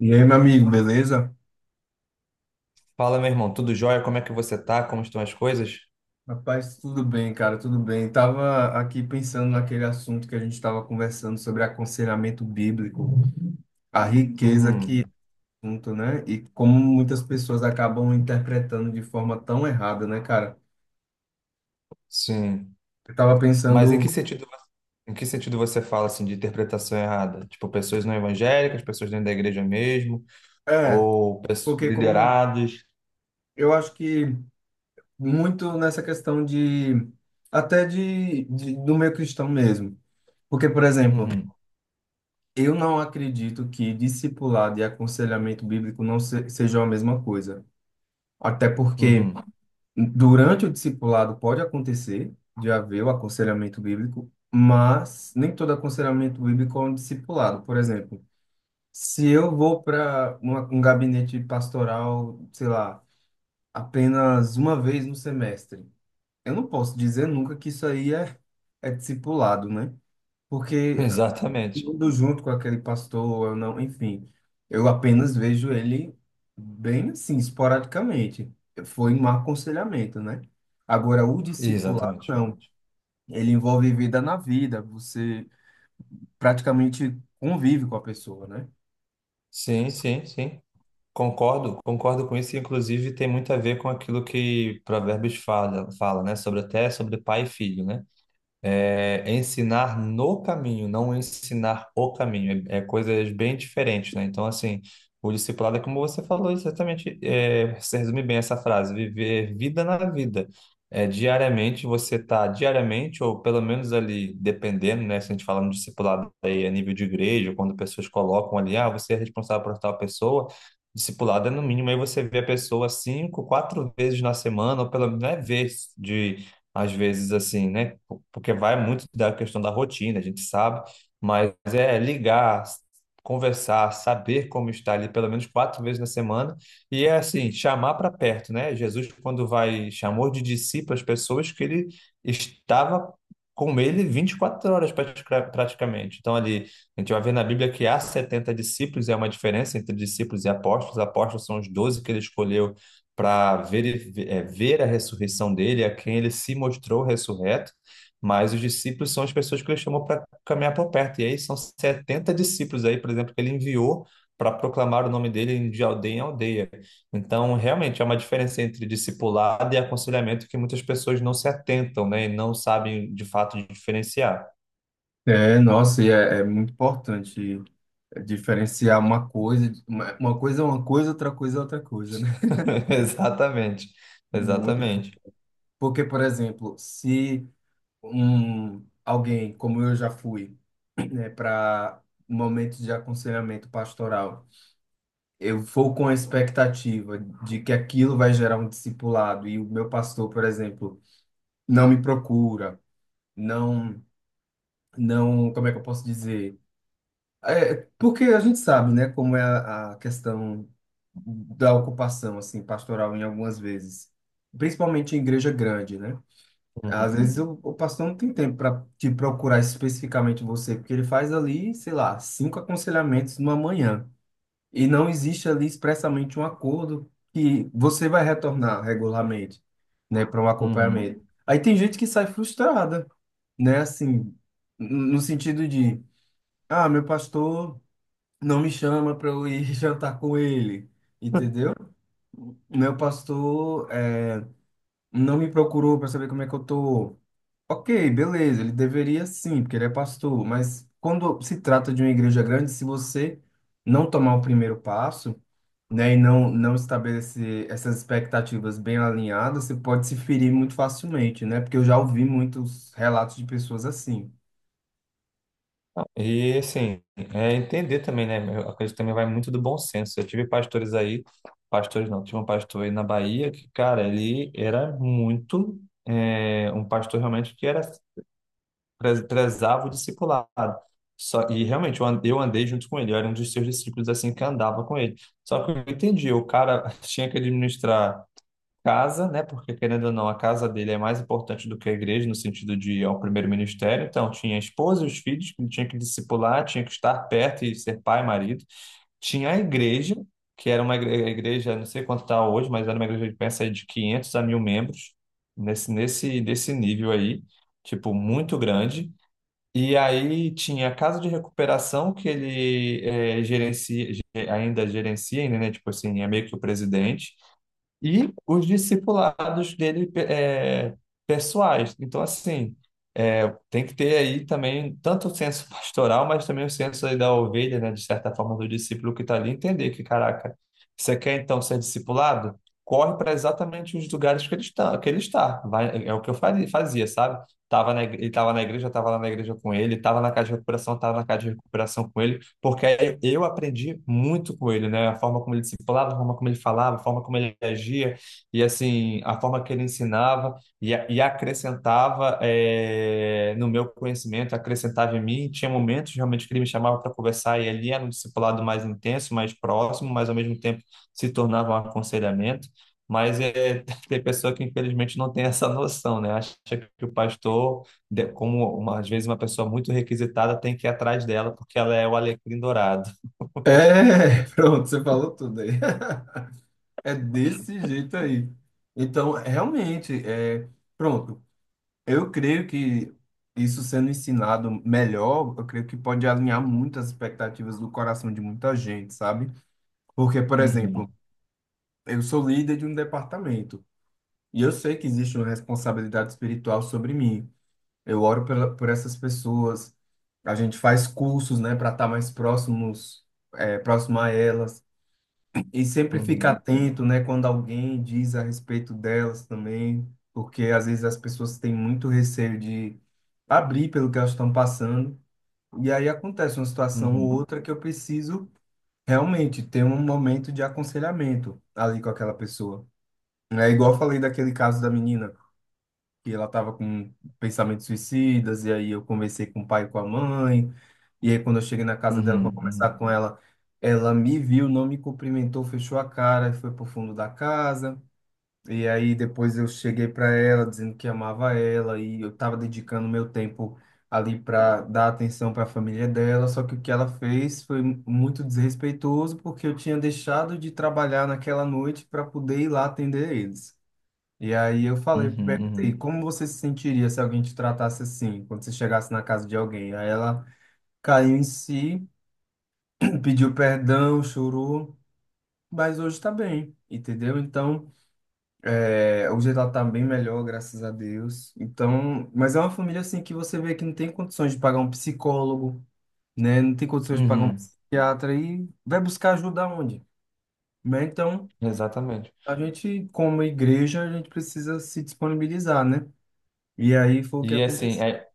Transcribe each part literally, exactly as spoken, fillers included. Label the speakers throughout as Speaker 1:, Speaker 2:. Speaker 1: E aí, meu amigo, beleza?
Speaker 2: Fala, meu irmão, tudo jóia? Como é que você tá? Como estão as coisas?
Speaker 1: Rapaz, tudo bem, cara, tudo bem. Tava aqui pensando naquele assunto que a gente estava conversando sobre aconselhamento bíblico, a riqueza que
Speaker 2: Uhum,
Speaker 1: é o assunto, né? E como muitas pessoas acabam interpretando de forma tão errada, né, cara?
Speaker 2: sim.
Speaker 1: Eu tava
Speaker 2: Mas em que
Speaker 1: pensando,
Speaker 2: sentido, em que sentido você fala assim de interpretação errada? Tipo, pessoas não evangélicas, pessoas dentro da igreja mesmo,
Speaker 1: é,
Speaker 2: ou pesso-
Speaker 1: porque como
Speaker 2: liderados?
Speaker 1: eu acho que muito nessa questão de até de, de do meio cristão mesmo. Porque, por exemplo,
Speaker 2: Uhum,
Speaker 1: eu não acredito que discipulado e aconselhamento bíblico não se, sejam a mesma coisa. Até porque
Speaker 2: uhum.
Speaker 1: durante o discipulado pode acontecer de haver o aconselhamento bíblico, mas nem todo aconselhamento bíblico é um discipulado. Por exemplo, se eu vou para um gabinete pastoral, sei lá, apenas uma vez no semestre, eu não posso dizer nunca que isso aí é, é discipulado, né? Porque
Speaker 2: Exatamente.
Speaker 1: indo junto com aquele pastor, eu não, enfim, eu apenas vejo ele bem assim, esporadicamente. Foi um aconselhamento, né? Agora, o discipulado,
Speaker 2: Exatamente.
Speaker 1: não. Ele envolve vida na vida, você praticamente convive com a pessoa, né?
Speaker 2: Sim, sim, sim. Concordo, concordo com isso. e, Inclusive, tem muito a ver com aquilo que Provérbios fala, fala, né? Sobre até sobre pai e filho, né? É ensinar no caminho, não ensinar o caminho. É, é coisas bem diferentes, né? Então, assim, o discipulado é como você falou exatamente, é, você resume bem essa frase, viver vida na vida. É, diariamente, você está diariamente, ou pelo menos ali, dependendo, né? Se a gente fala no discipulado aí a nível de igreja, quando pessoas colocam ali, ah, você é responsável por tal pessoa, discipulado é no mínimo, aí você vê a pessoa cinco, quatro vezes na semana, ou pelo menos, não é vez de às vezes assim, né? Porque vai muito da questão da rotina, a gente sabe, mas é ligar, conversar, saber como está ali pelo menos quatro vezes na semana e é assim, chamar para perto, né? Jesus, quando vai, chamou de discípulos pessoas que ele estava com ele vinte e quatro horas pratica- praticamente. Então ali, a gente vai ver na Bíblia que há setenta discípulos, é uma diferença entre discípulos e apóstolos. Apóstolos são os doze que ele escolheu para ver, é, ver a ressurreição dele, a quem ele se mostrou ressurreto, mas os discípulos são as pessoas que ele chamou para caminhar por perto. E aí são setenta discípulos aí, por exemplo, que ele enviou para proclamar o nome dele de aldeia em aldeia. Então, realmente, há uma diferença entre discipulado e aconselhamento que muitas pessoas não se atentam, né, e não sabem de fato diferenciar.
Speaker 1: É, nossa, e é, é muito importante diferenciar uma coisa, uma uma coisa é uma coisa, outra coisa é outra coisa, né?
Speaker 2: Exatamente,
Speaker 1: Muito
Speaker 2: exatamente.
Speaker 1: importante. Porque, por exemplo, se um alguém como eu já fui, né, para momentos de aconselhamento pastoral, eu for com a expectativa de que aquilo vai gerar um discipulado e o meu pastor, por exemplo, não me procura, não, não, como é que eu posso dizer? É, porque a gente sabe, né, como é a, a questão da ocupação assim pastoral em algumas vezes, principalmente em igreja grande, né?
Speaker 2: Uhum,
Speaker 1: Às vezes o, o pastor não tem tempo para te procurar especificamente você, porque ele faz ali, sei lá, cinco aconselhamentos numa manhã. E não existe ali expressamente um acordo que você vai retornar regularmente, né, para um
Speaker 2: uhum.
Speaker 1: acompanhamento. Aí tem gente que sai frustrada, né, assim, n- no sentido de, ah, meu pastor não me chama para eu ir jantar com ele, entendeu? Meu pastor, é, não me procurou para saber como é que eu tô. Ok, beleza, ele deveria sim, porque ele é pastor, mas quando se trata de uma igreja grande, se você não tomar o primeiro passo, né, e não, não estabelecer essas expectativas bem alinhadas, você pode se ferir muito facilmente, né? Porque eu já ouvi muitos relatos de pessoas assim.
Speaker 2: E assim, é entender também, né? Eu acredito que também vai muito do bom senso. Eu tive pastores aí, pastores não, tive um pastor aí na Bahia que, cara, ele era muito, é, um pastor realmente que era, pre- prezava o discipulado. Só, e realmente eu an- eu andei junto com ele, eu era um dos seus discípulos assim que andava com ele. Só que eu entendi, o cara tinha que administrar casa, né? Porque querendo ou não, a casa dele é mais importante do que a igreja no sentido de ao primeiro ministério. Então, tinha a esposa e os filhos que ele tinha que discipular, tinha que estar perto e ser pai e marido. Tinha a igreja, que era uma igre- igreja, não sei quanto está hoje, mas era uma igreja de pensa aí de quinhentos a mil membros, nesse nesse desse nível aí, tipo muito grande. E aí tinha a casa de recuperação que ele eh, gerencia, ge- ainda gerencia, ainda, né? Tipo assim, é meio que o presidente e os discipulados dele é, pessoais. Então, assim, é, tem que ter aí também tanto o senso pastoral, mas também o senso aí da ovelha, né, de certa forma, do discípulo que está ali, entender que, caraca, você quer então ser discipulado? Corre para exatamente os lugares que ele está, que ele está. Vai- é o que eu faria- fazia, sabe? Tava na, igre- ele estava na igreja, eu estava lá na igreja com ele, estava na casa de recuperação, estava na casa de recuperação com ele porque aí eu aprendi muito com ele, né? A forma como ele discipulava, a forma como ele falava, a forma como ele agia, e assim, a forma que ele ensinava e, a- e acrescentava eh, no meu conhecimento, acrescentava em mim. Tinha momentos realmente que ele me chamava para conversar, e ali era um discipulado mais intenso, mais próximo, mas ao mesmo tempo se tornava um aconselhamento. Mas é, tem pessoa que infelizmente não tem essa noção, né? Acha que o pastor de- como uma- às vezes uma pessoa muito requisitada tem que ir atrás dela porque ela é o alecrim dourado.
Speaker 1: É, pronto, você falou tudo aí. É desse jeito aí. Então, realmente, é, pronto. Eu creio que isso sendo ensinado melhor, eu creio que pode alinhar muito as expectativas do coração de muita gente, sabe? Porque, por exemplo,
Speaker 2: Uhum,
Speaker 1: eu sou líder de um departamento e eu sei que existe uma responsabilidade espiritual sobre mim. Eu oro pela, por essas pessoas, a gente faz cursos, né, para estar mais próximos, é, próximo a elas. E sempre fica
Speaker 2: uhum,
Speaker 1: atento, né, quando alguém diz a respeito delas também, porque às vezes as pessoas têm muito receio de abrir pelo que elas estão passando. E aí acontece uma situação ou
Speaker 2: uhum,
Speaker 1: outra que eu preciso realmente ter um momento de aconselhamento ali com aquela pessoa. É igual eu falei daquele caso da menina que ela estava com pensamentos suicidas, e aí eu conversei com o pai e com a mãe, e aí quando eu cheguei na casa dela
Speaker 2: uhum,
Speaker 1: para conversar
Speaker 2: uhum,
Speaker 1: com ela, ela me viu, não me cumprimentou, fechou a cara e foi pro fundo da casa. E aí depois eu cheguei para ela dizendo que amava ela e eu estava dedicando meu tempo ali para dar atenção para a família dela, só que o que ela fez foi muito desrespeitoso porque eu tinha deixado de trabalhar naquela noite para poder ir lá atender eles. E aí eu falei,
Speaker 2: uhum,
Speaker 1: perguntei:
Speaker 2: uhum,
Speaker 1: como você se sentiria se alguém te tratasse assim, quando você chegasse na casa de alguém? Aí ela caiu em si, pediu perdão, chorou, mas hoje tá bem, entendeu? Então, é, hoje ela tá bem melhor, graças a Deus. Então, mas é uma família assim que você vê que não tem condições de pagar um psicólogo, né? Não tem condições de pagar um
Speaker 2: uhum.
Speaker 1: psiquiatra e vai buscar ajuda onde? Né? Então,
Speaker 2: Exatamente.
Speaker 1: a gente, como igreja, a gente precisa se disponibilizar, né? E aí foi o que
Speaker 2: E assim,
Speaker 1: aconteceu.
Speaker 2: é-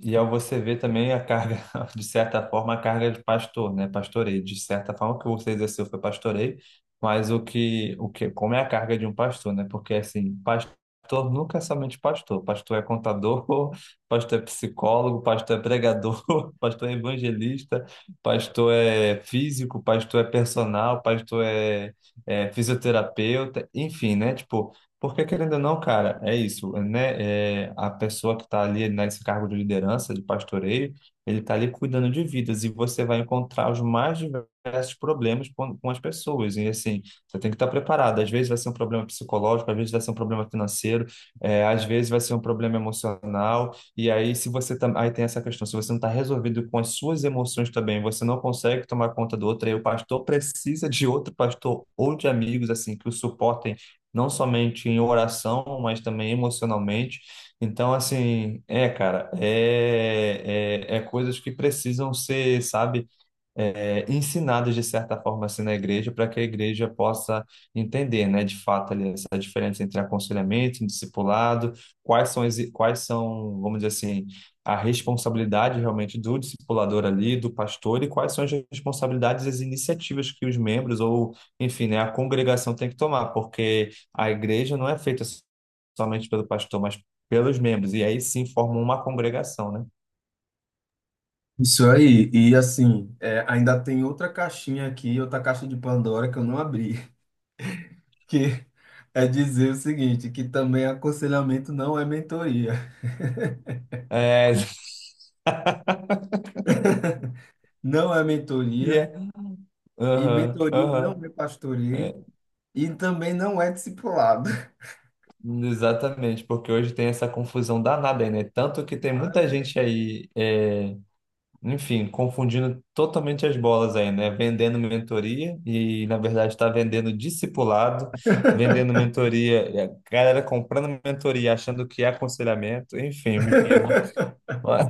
Speaker 2: e ao você ver também a carga, de certa forma, a carga de pastor, né? Pastoreio, de certa forma, o que você exerceu foi pastoreio, mas o que, o que, como é a carga de um pastor, né? Porque, assim, pastor nunca é somente pastor. Pastor é contador, pastor é psicólogo, pastor é pregador, pastor é evangelista, pastor é físico, pastor é personal, pastor é, é fisioterapeuta, enfim, né? Tipo, porque, querendo ou não, cara, é isso, né? É, a pessoa que está ali né, nesse cargo de liderança, de pastoreio, ele está ali cuidando de vidas e você vai encontrar os mais diversos problemas com, com as pessoas. E, assim, você tem que estar preparado. Às vezes vai ser um problema psicológico, às vezes vai ser um problema financeiro, é, às vezes vai ser um problema emocional. E aí, se você tam... aí tem essa questão, se você não está resolvido com as suas emoções também, você não consegue tomar conta do outro, aí o pastor precisa de outro pastor ou de amigos, assim, que o suportem não somente em oração, mas também emocionalmente. Então, assim, é, cara, é, é, é coisas que precisam ser, sabe? É, ensinados de certa forma assim na igreja, para que a igreja possa entender, né, de fato ali essa diferença entre aconselhamento e discipulado, quais são as, quais são, vamos dizer assim, a responsabilidade realmente do discipulador ali, do pastor e quais são as responsabilidades e as iniciativas que os membros ou, enfim, né, a congregação tem que tomar, porque a igreja não é feita somente pelo pastor, mas pelos membros, e aí sim formam uma congregação, né?
Speaker 1: Isso aí, e assim, é, ainda tem outra caixinha aqui, outra caixa de Pandora que eu não abri, que é dizer o seguinte, que também aconselhamento não é mentoria.
Speaker 2: É,
Speaker 1: Não é
Speaker 2: que
Speaker 1: mentoria,
Speaker 2: é,
Speaker 1: e
Speaker 2: aham,
Speaker 1: mentoria não
Speaker 2: aham.
Speaker 1: é pastoreio,
Speaker 2: É.
Speaker 1: e também não é discipulado.
Speaker 2: Exatamente, porque hoje tem essa confusão danada aí, né? Tanto que tem muita
Speaker 1: Ah,
Speaker 2: gente aí, é, enfim, confundindo totalmente as bolas aí, né? Vendendo mentoria e, na verdade, está vendendo discipulado, vendendo mentoria, e a galera comprando mentoria, achando que é aconselhamento, enfim, amigo. Mas,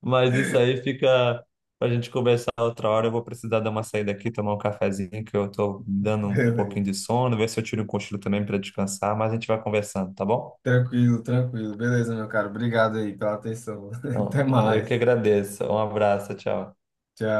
Speaker 2: mas isso aí fica pra gente conversar outra hora. Eu vou precisar dar uma saída aqui, tomar um cafezinho, que eu tô dando um
Speaker 1: beleza.
Speaker 2: pouquinho de sono, ver se eu tiro um cochilo também para descansar, mas a gente vai conversando, tá bom?
Speaker 1: Tranquilo, tranquilo. Beleza, meu caro. Obrigado aí pela atenção.
Speaker 2: Não,
Speaker 1: Até
Speaker 2: eu que
Speaker 1: mais.
Speaker 2: agradeço. Um abraço, tchau.
Speaker 1: Tchau.